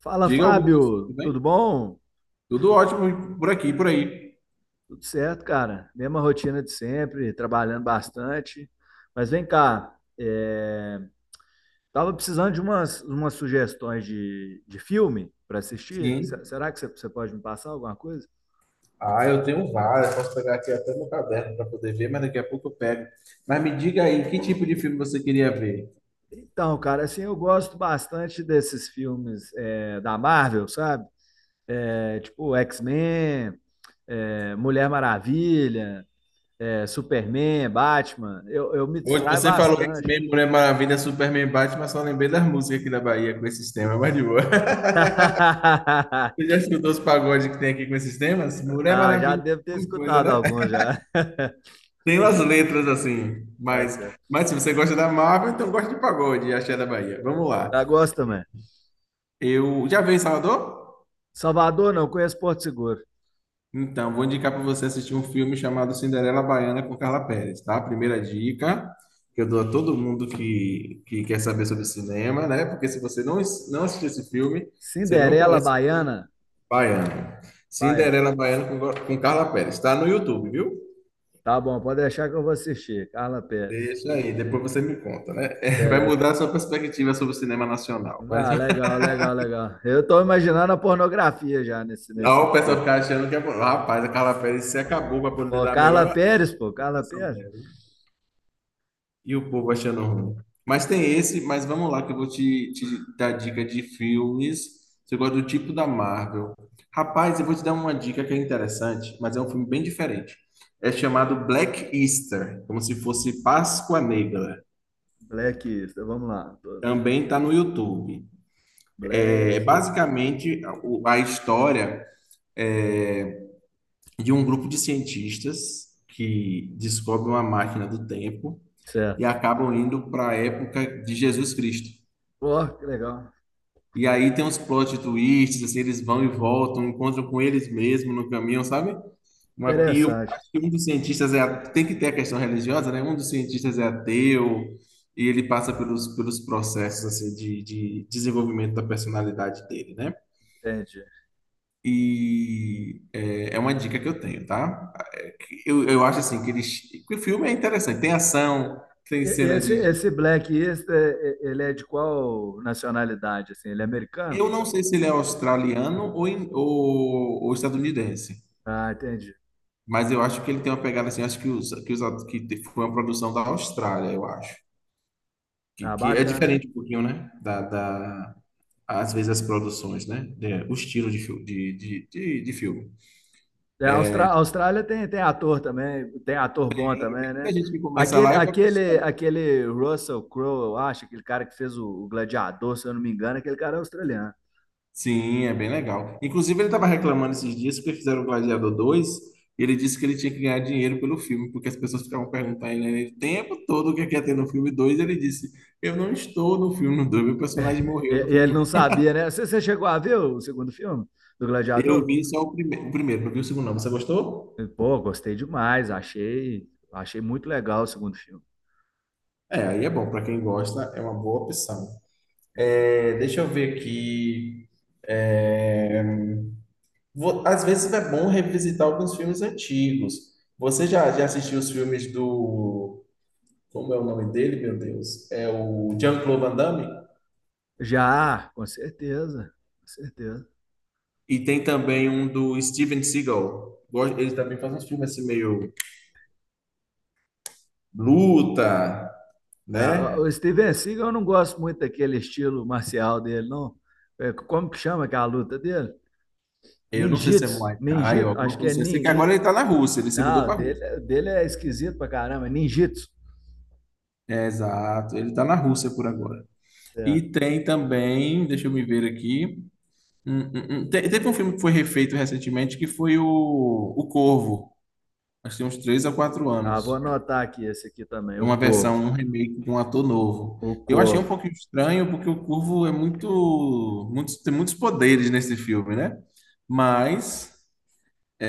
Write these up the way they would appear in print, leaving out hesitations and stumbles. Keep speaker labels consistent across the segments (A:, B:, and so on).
A: Fala,
B: Diga Augusto, tudo
A: Fábio, tudo
B: bem?
A: bom?
B: Tudo ótimo por aqui, por aí.
A: Tudo certo, cara? Mesma rotina de sempre, trabalhando bastante. Mas vem cá, tava precisando de umas sugestões de filme para assistir.
B: Sim.
A: Será que você pode me passar alguma coisa?
B: Ah, eu tenho várias. Posso pegar aqui até meu caderno para poder ver, mas daqui a pouco eu pego. Mas me diga aí, que tipo de filme você queria ver?
A: Então, cara, assim, eu gosto bastante desses filmes da Marvel, sabe? É, tipo X-Men, é, Mulher Maravilha, é, Superman, Batman. Eu me
B: Hoje
A: distraio
B: você falou
A: bastante.
B: X-Men, Mulher Maravilha, Superman, Batman, só lembrei das músicas aqui da Bahia com esses temas, mas de boa. Você já escutou os pagodes que tem aqui com esses temas? Mulher
A: Ah, já
B: Maravilha,
A: devo ter
B: alguma coisa,
A: escutado
B: né?
A: alguns já.
B: Tem umas letras assim,
A: Tá certo.
B: mas se você gosta da Marvel, então gosta de pagode e axé da Bahia. Vamos lá.
A: Já gosto também.
B: Eu já veio em Salvador?
A: Salvador, não, conheço Porto Seguro.
B: Então, vou indicar para você assistir um filme chamado Cinderela Baiana com Carla Perez, tá? Primeira dica que eu dou a todo mundo que quer saber sobre cinema, né? Porque se você não, não assistir esse filme, você não
A: Cinderela
B: conhece o filme
A: Baiana?
B: Baiano.
A: Baiana.
B: Cinderela Baiana com Carla Perez, tá no YouTube, viu?
A: Tá bom, pode deixar que eu vou assistir. Carla Pérez.
B: Deixa aí, depois você me conta, né? Vai
A: Bele-
B: mudar a sua perspectiva sobre o cinema nacional. Mas
A: Ah, legal, legal, legal. Eu tô imaginando a pornografia já nesse
B: ó, o pessoal
A: filme.
B: achando que é. Rapaz, a Carla Perez se acabou para
A: Pô,
B: poder
A: pô,
B: dar a
A: Carla
B: melhor
A: Pérez, pô, Carla
B: apresentação
A: Pérez.
B: dela. E o povo achando ruim. Mas tem esse, mas vamos lá, que eu vou te dar dica de filmes. Você gosta do tipo da Marvel. Rapaz, eu vou te dar uma dica que é interessante, mas é um filme bem diferente. É chamado Black Easter, como se fosse Páscoa Negra.
A: Blacklist, vamos lá.
B: Também está no YouTube. É
A: Black.
B: basicamente a história é, de um grupo de cientistas que descobrem uma máquina do tempo e
A: Certo.
B: acabam indo para a época de Jesus Cristo.
A: Pô, que legal.
B: E aí tem uns plot twists, assim, eles vão e voltam, encontram com eles mesmos no caminho, sabe? E eu
A: Interessante.
B: acho que um dos cientistas tem que ter a questão religiosa, né? Um dos cientistas é ateu e ele passa pelos processos assim, de desenvolvimento da personalidade dele, né?
A: Entendi.
B: E é uma dica que eu tenho, tá? Eu acho assim que o filme é interessante, tem ação, tem cena de.
A: Esse Black East, ele é de qual nacionalidade, assim? Ele é americano?
B: Eu não sei se ele é australiano ou estadunidense.
A: Ah, entendi.
B: Mas eu acho que ele tem uma pegada assim, acho que foi uma produção da Austrália, eu acho. Que,
A: Ah,
B: que é
A: bacana.
B: diferente um pouquinho, né? Às vezes as produções, né? O estilo de, fil- de filme.
A: É, a Austrália tem, tem ator também, tem ator bom também, né?
B: Tem gente que começa lá e vai para os Estados.
A: Aquele Russell Crowe, eu acho, aquele cara que fez o Gladiador, se eu não me engano, aquele cara é australiano.
B: Sim, é bem legal. Inclusive, ele estava reclamando esses dias porque fizeram o Gladiador 2, e ele disse que ele tinha que ganhar dinheiro pelo filme, porque as pessoas ficavam perguntando a ele né, o tempo todo o que é que ia ter no filme 2. Ele disse: eu não estou no filme 2, meu personagem
A: E,
B: morreu no
A: e ele
B: filme.
A: não sabia, né? Você chegou a ver o segundo filme do
B: Eu
A: Gladiador?
B: vi só o, prime o primeiro, não vi o segundo não. Você gostou?
A: Pô, gostei demais, achei muito legal o segundo filme.
B: É, aí é bom. Para quem gosta, é uma boa opção. É, deixa eu ver aqui. É, às vezes é bom revisitar alguns filmes antigos. Você já assistiu os filmes do... Como é o nome dele, meu Deus? É o Jean-Claude Van Damme?
A: Já, com certeza, com certeza.
B: E tem também um do Steven Seagal. Ele também faz uns filmes assim meio luta,
A: Tá.
B: né?
A: O Steven Seagal, eu não gosto muito daquele estilo marcial dele, não. É, como que chama aquela luta dele?
B: Eu não sei se é
A: Ninjitsu.
B: Muay Thai ou
A: Ninjitsu,
B: alguma
A: acho que
B: coisa
A: é
B: assim. Eu sei
A: ni,
B: que agora
A: ni-
B: ele tá na Rússia, ele se mudou
A: Não,
B: para.
A: dele é esquisito pra caramba, é ninjitsu.
B: É, exato, ele está na Rússia por agora. E
A: Certo.
B: tem também, deixa eu me ver aqui. Teve um filme que foi refeito recentemente que foi o Corvo. Acho que tem uns três a quatro
A: Ah, vou
B: anos.
A: anotar aqui esse aqui também, o
B: Uma
A: Corvo.
B: versão, um remake de um ator novo.
A: O
B: Eu achei um
A: Corvo.
B: pouquinho estranho, porque o Corvo é tem muitos poderes nesse filme, né? Mas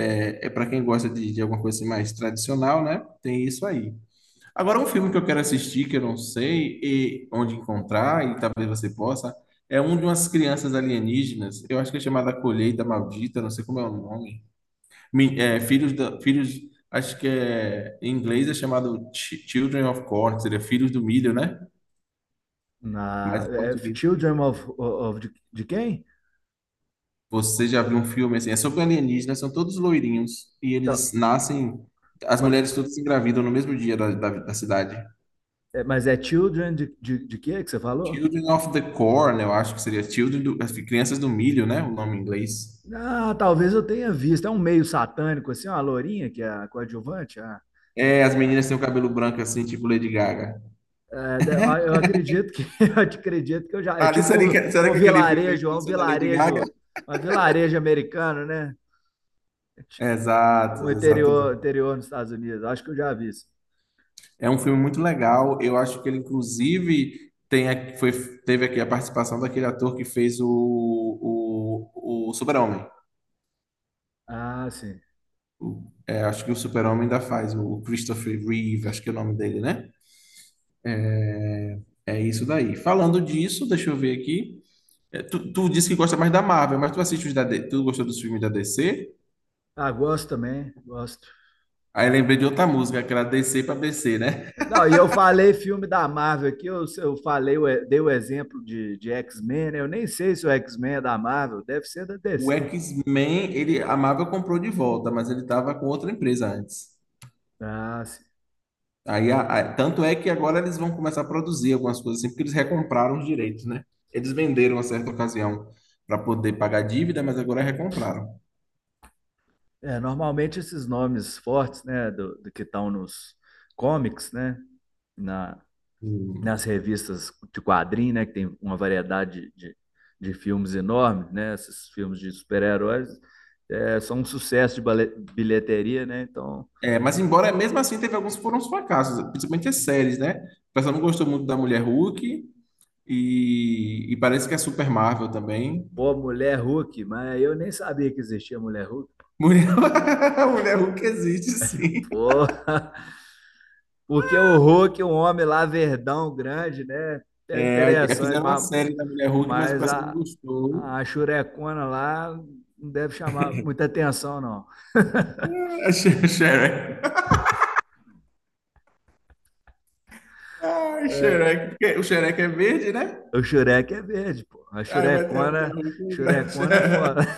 B: é, para quem gosta de alguma coisa assim mais tradicional, né? Tem isso aí. Agora, um filme que eu quero assistir, que eu não sei e onde encontrar, e talvez você possa, é um de umas crianças alienígenas, eu acho que é chamada Colheita Maldita, não sei como é o nome. Filhos, acho que é, em inglês é chamado Children of Corn, seria Filhos do Milho, né? Mas
A: Na,
B: em
A: é
B: português.
A: Children of, de quem?
B: Você já viu um filme assim? É sobre alienígenas, são todos loirinhos, e
A: Então,
B: eles nascem, as mulheres todas se engravidam no mesmo dia da cidade.
A: é, mas é Children de quê que você falou?
B: Children of the Corn, eu acho que seria Children do, acho que Crianças do Milho, né? O nome em inglês.
A: Ah, talvez eu tenha visto. É um meio satânico, assim, uma lourinha que é a coadjuvante,
B: É, as
A: a,
B: meninas têm o cabelo branco assim, tipo Lady Gaga.
A: é, eu acredito que eu acredito que eu já. É
B: Ah, ali
A: tipo um,
B: seria, será
A: um
B: que aquele filme é
A: vilarejo, é
B: influência da Lady Gaga?
A: um vilarejo americano, né?
B: Exato,
A: Um
B: exato,
A: interior,
B: exato.
A: interior nos Estados Unidos. Acho que eu já vi isso.
B: É um filme muito legal. Eu acho que ele, inclusive, tem, foi, teve aqui a participação daquele ator que fez o Super-Homem.
A: Ah, sim.
B: É, acho que o Super-Homem ainda faz, o Christopher Reeve, acho que é o nome dele, né? É isso daí. Falando disso, deixa eu ver aqui. É, tu disse que gosta mais da Marvel, mas tu assiste os da D, C, tu gostou dos filmes da DC?
A: Ah, gosto também, gosto.
B: Aí lembrei de outra música, aquela DC pra BC, né?
A: Não, e eu falei filme da Marvel aqui, eu falei, eu dei o exemplo de X-Men, né? Eu nem sei se o X-Men é da Marvel, deve ser da
B: O
A: DC.
B: X-Men, ele, a Marvel comprou de volta, mas ele tava com outra empresa antes.
A: Ah, sim.
B: Aí, tanto é que agora eles vão começar a produzir algumas coisas assim, porque eles recompraram os direitos, né? Eles venderam a certa ocasião para poder pagar a dívida, mas agora recompraram.
A: É, normalmente esses nomes fortes, né, do que estão nos comics, né, na,
B: Hum.
A: nas revistas de quadrinho, né, que tem uma variedade de filmes enorme, né, esses filmes de super-heróis, é, são um sucesso de bilheteria, né, então,
B: É, mas embora, mesmo assim, teve alguns que foram uns fracassos, principalmente as séries, né? O pessoal não gostou muito da Mulher Hulk, e parece que é Super Marvel também.
A: pô, Mulher Hulk, mas eu nem sabia que existia Mulher Hulk,
B: Mulher, Mulher Hulk existe, sim.
A: pô, porque o Hulk, é um homem lá verdão, grande, né, é
B: É,
A: interessante,
B: fizeram uma série da Mulher Hulk, mas o
A: mas
B: pessoal não
A: a
B: gostou.
A: Xurecona lá não deve chamar muita atenção, não.
B: Ah, Shrek. Ai, Shrek. Porque o Shrek é verde, né?
A: É, o Xurek é verde, pô, a
B: Aí vai ter a Mulher
A: Xurecona,
B: Hulk, né?
A: Xurecona é fora.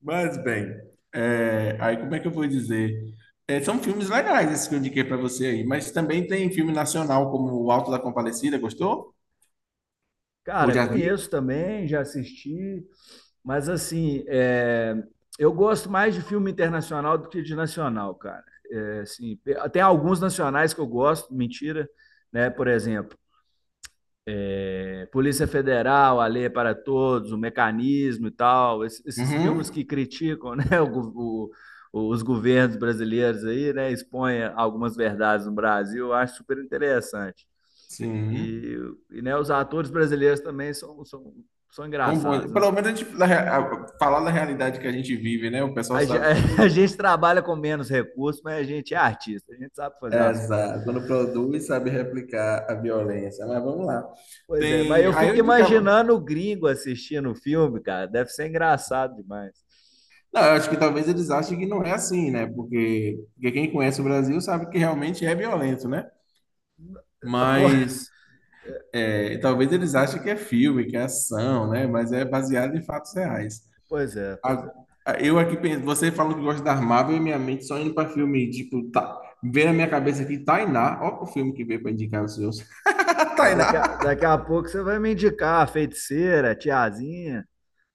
B: Mas, bem, é, aí como é que eu vou dizer? É, são filmes legais esses que eu indiquei para você aí, mas também tem filme nacional como O Alto da Compadecida, gostou? Ou
A: Cara,
B: já viu?
A: conheço também, já assisti, mas assim, é, eu gosto mais de filme internacional do que de nacional, cara. É, assim, tem alguns nacionais que eu gosto, mentira, né? Por exemplo, é, Polícia Federal, A Lei é para Todos, O Mecanismo e tal, esses, esses filmes que
B: Uhum.
A: criticam, né, os governos brasileiros aí, né, expõem algumas verdades no Brasil, eu acho super interessante.
B: Sim.
A: E, e né, os atores brasileiros também são, são, são
B: Tão bom.
A: engraçados, né?
B: Pelo menos a gente falar da realidade que a gente vive, né? O pessoal
A: A,
B: sabe fazer isso.
A: gente trabalha com menos recursos, mas a gente é artista, a gente sabe fazer as coisas.
B: Exato. Quando produz, sabe replicar a violência. Mas vamos lá.
A: Pois é, mas
B: Tem.
A: eu
B: Aí eu
A: fico
B: indicava.
A: imaginando o gringo assistindo o filme, cara. Deve ser engraçado demais.
B: Não, eu acho que talvez eles achem que não é assim, né? Porque, porque quem conhece o Brasil sabe que realmente é violento, né?
A: Ah,
B: Mas é, talvez eles achem que é filme, que é ação, né? Mas é baseado em fatos reais.
A: pois é, pois
B: A-
A: é.
B: Eu aqui, você falou que gosta da Marvel e minha mente só indo para filme, tipo, tá, veio na minha cabeça aqui, Tainá, ó o filme que veio para indicar os seus.
A: Pô,
B: Tainá.
A: daqui a pouco você vai me indicar a feiticeira, a tiazinha.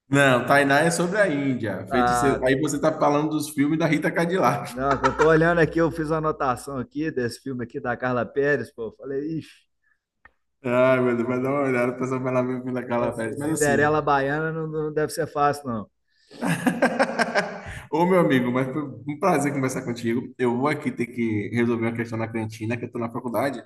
B: Não, Tainá é sobre a Índia. Feiticeiro.
A: Ah,
B: Aí você tá falando dos filmes da Rita Cadillac.
A: não, eu tô olhando aqui, eu fiz uma anotação aqui desse filme aqui da Carla Pérez, pô. Eu falei, ixi,
B: Ai, meu Deus, vai dar uma olhada, o pessoal vai lá ver o filme da
A: tá,
B: Carla Pérez. Mas assim.
A: Cinderela Baiana não, não deve ser fácil, não.
B: Ô, meu amigo, mas foi um prazer conversar contigo. Eu vou aqui ter que resolver uma questão na cantina, que eu tô na faculdade.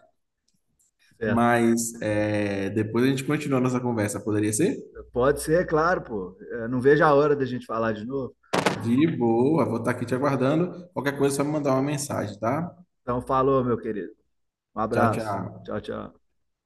A: Certo.
B: Mas é, depois a gente continua a nossa conversa, poderia ser?
A: Pode ser, claro, pô. Eu não vejo a hora da gente falar de novo.
B: De boa, vou estar aqui te aguardando. Qualquer coisa, é só me mandar uma mensagem, tá?
A: Então, falou, meu querido. Um
B: Tchau,
A: abraço.
B: tchau.
A: Tchau, tchau.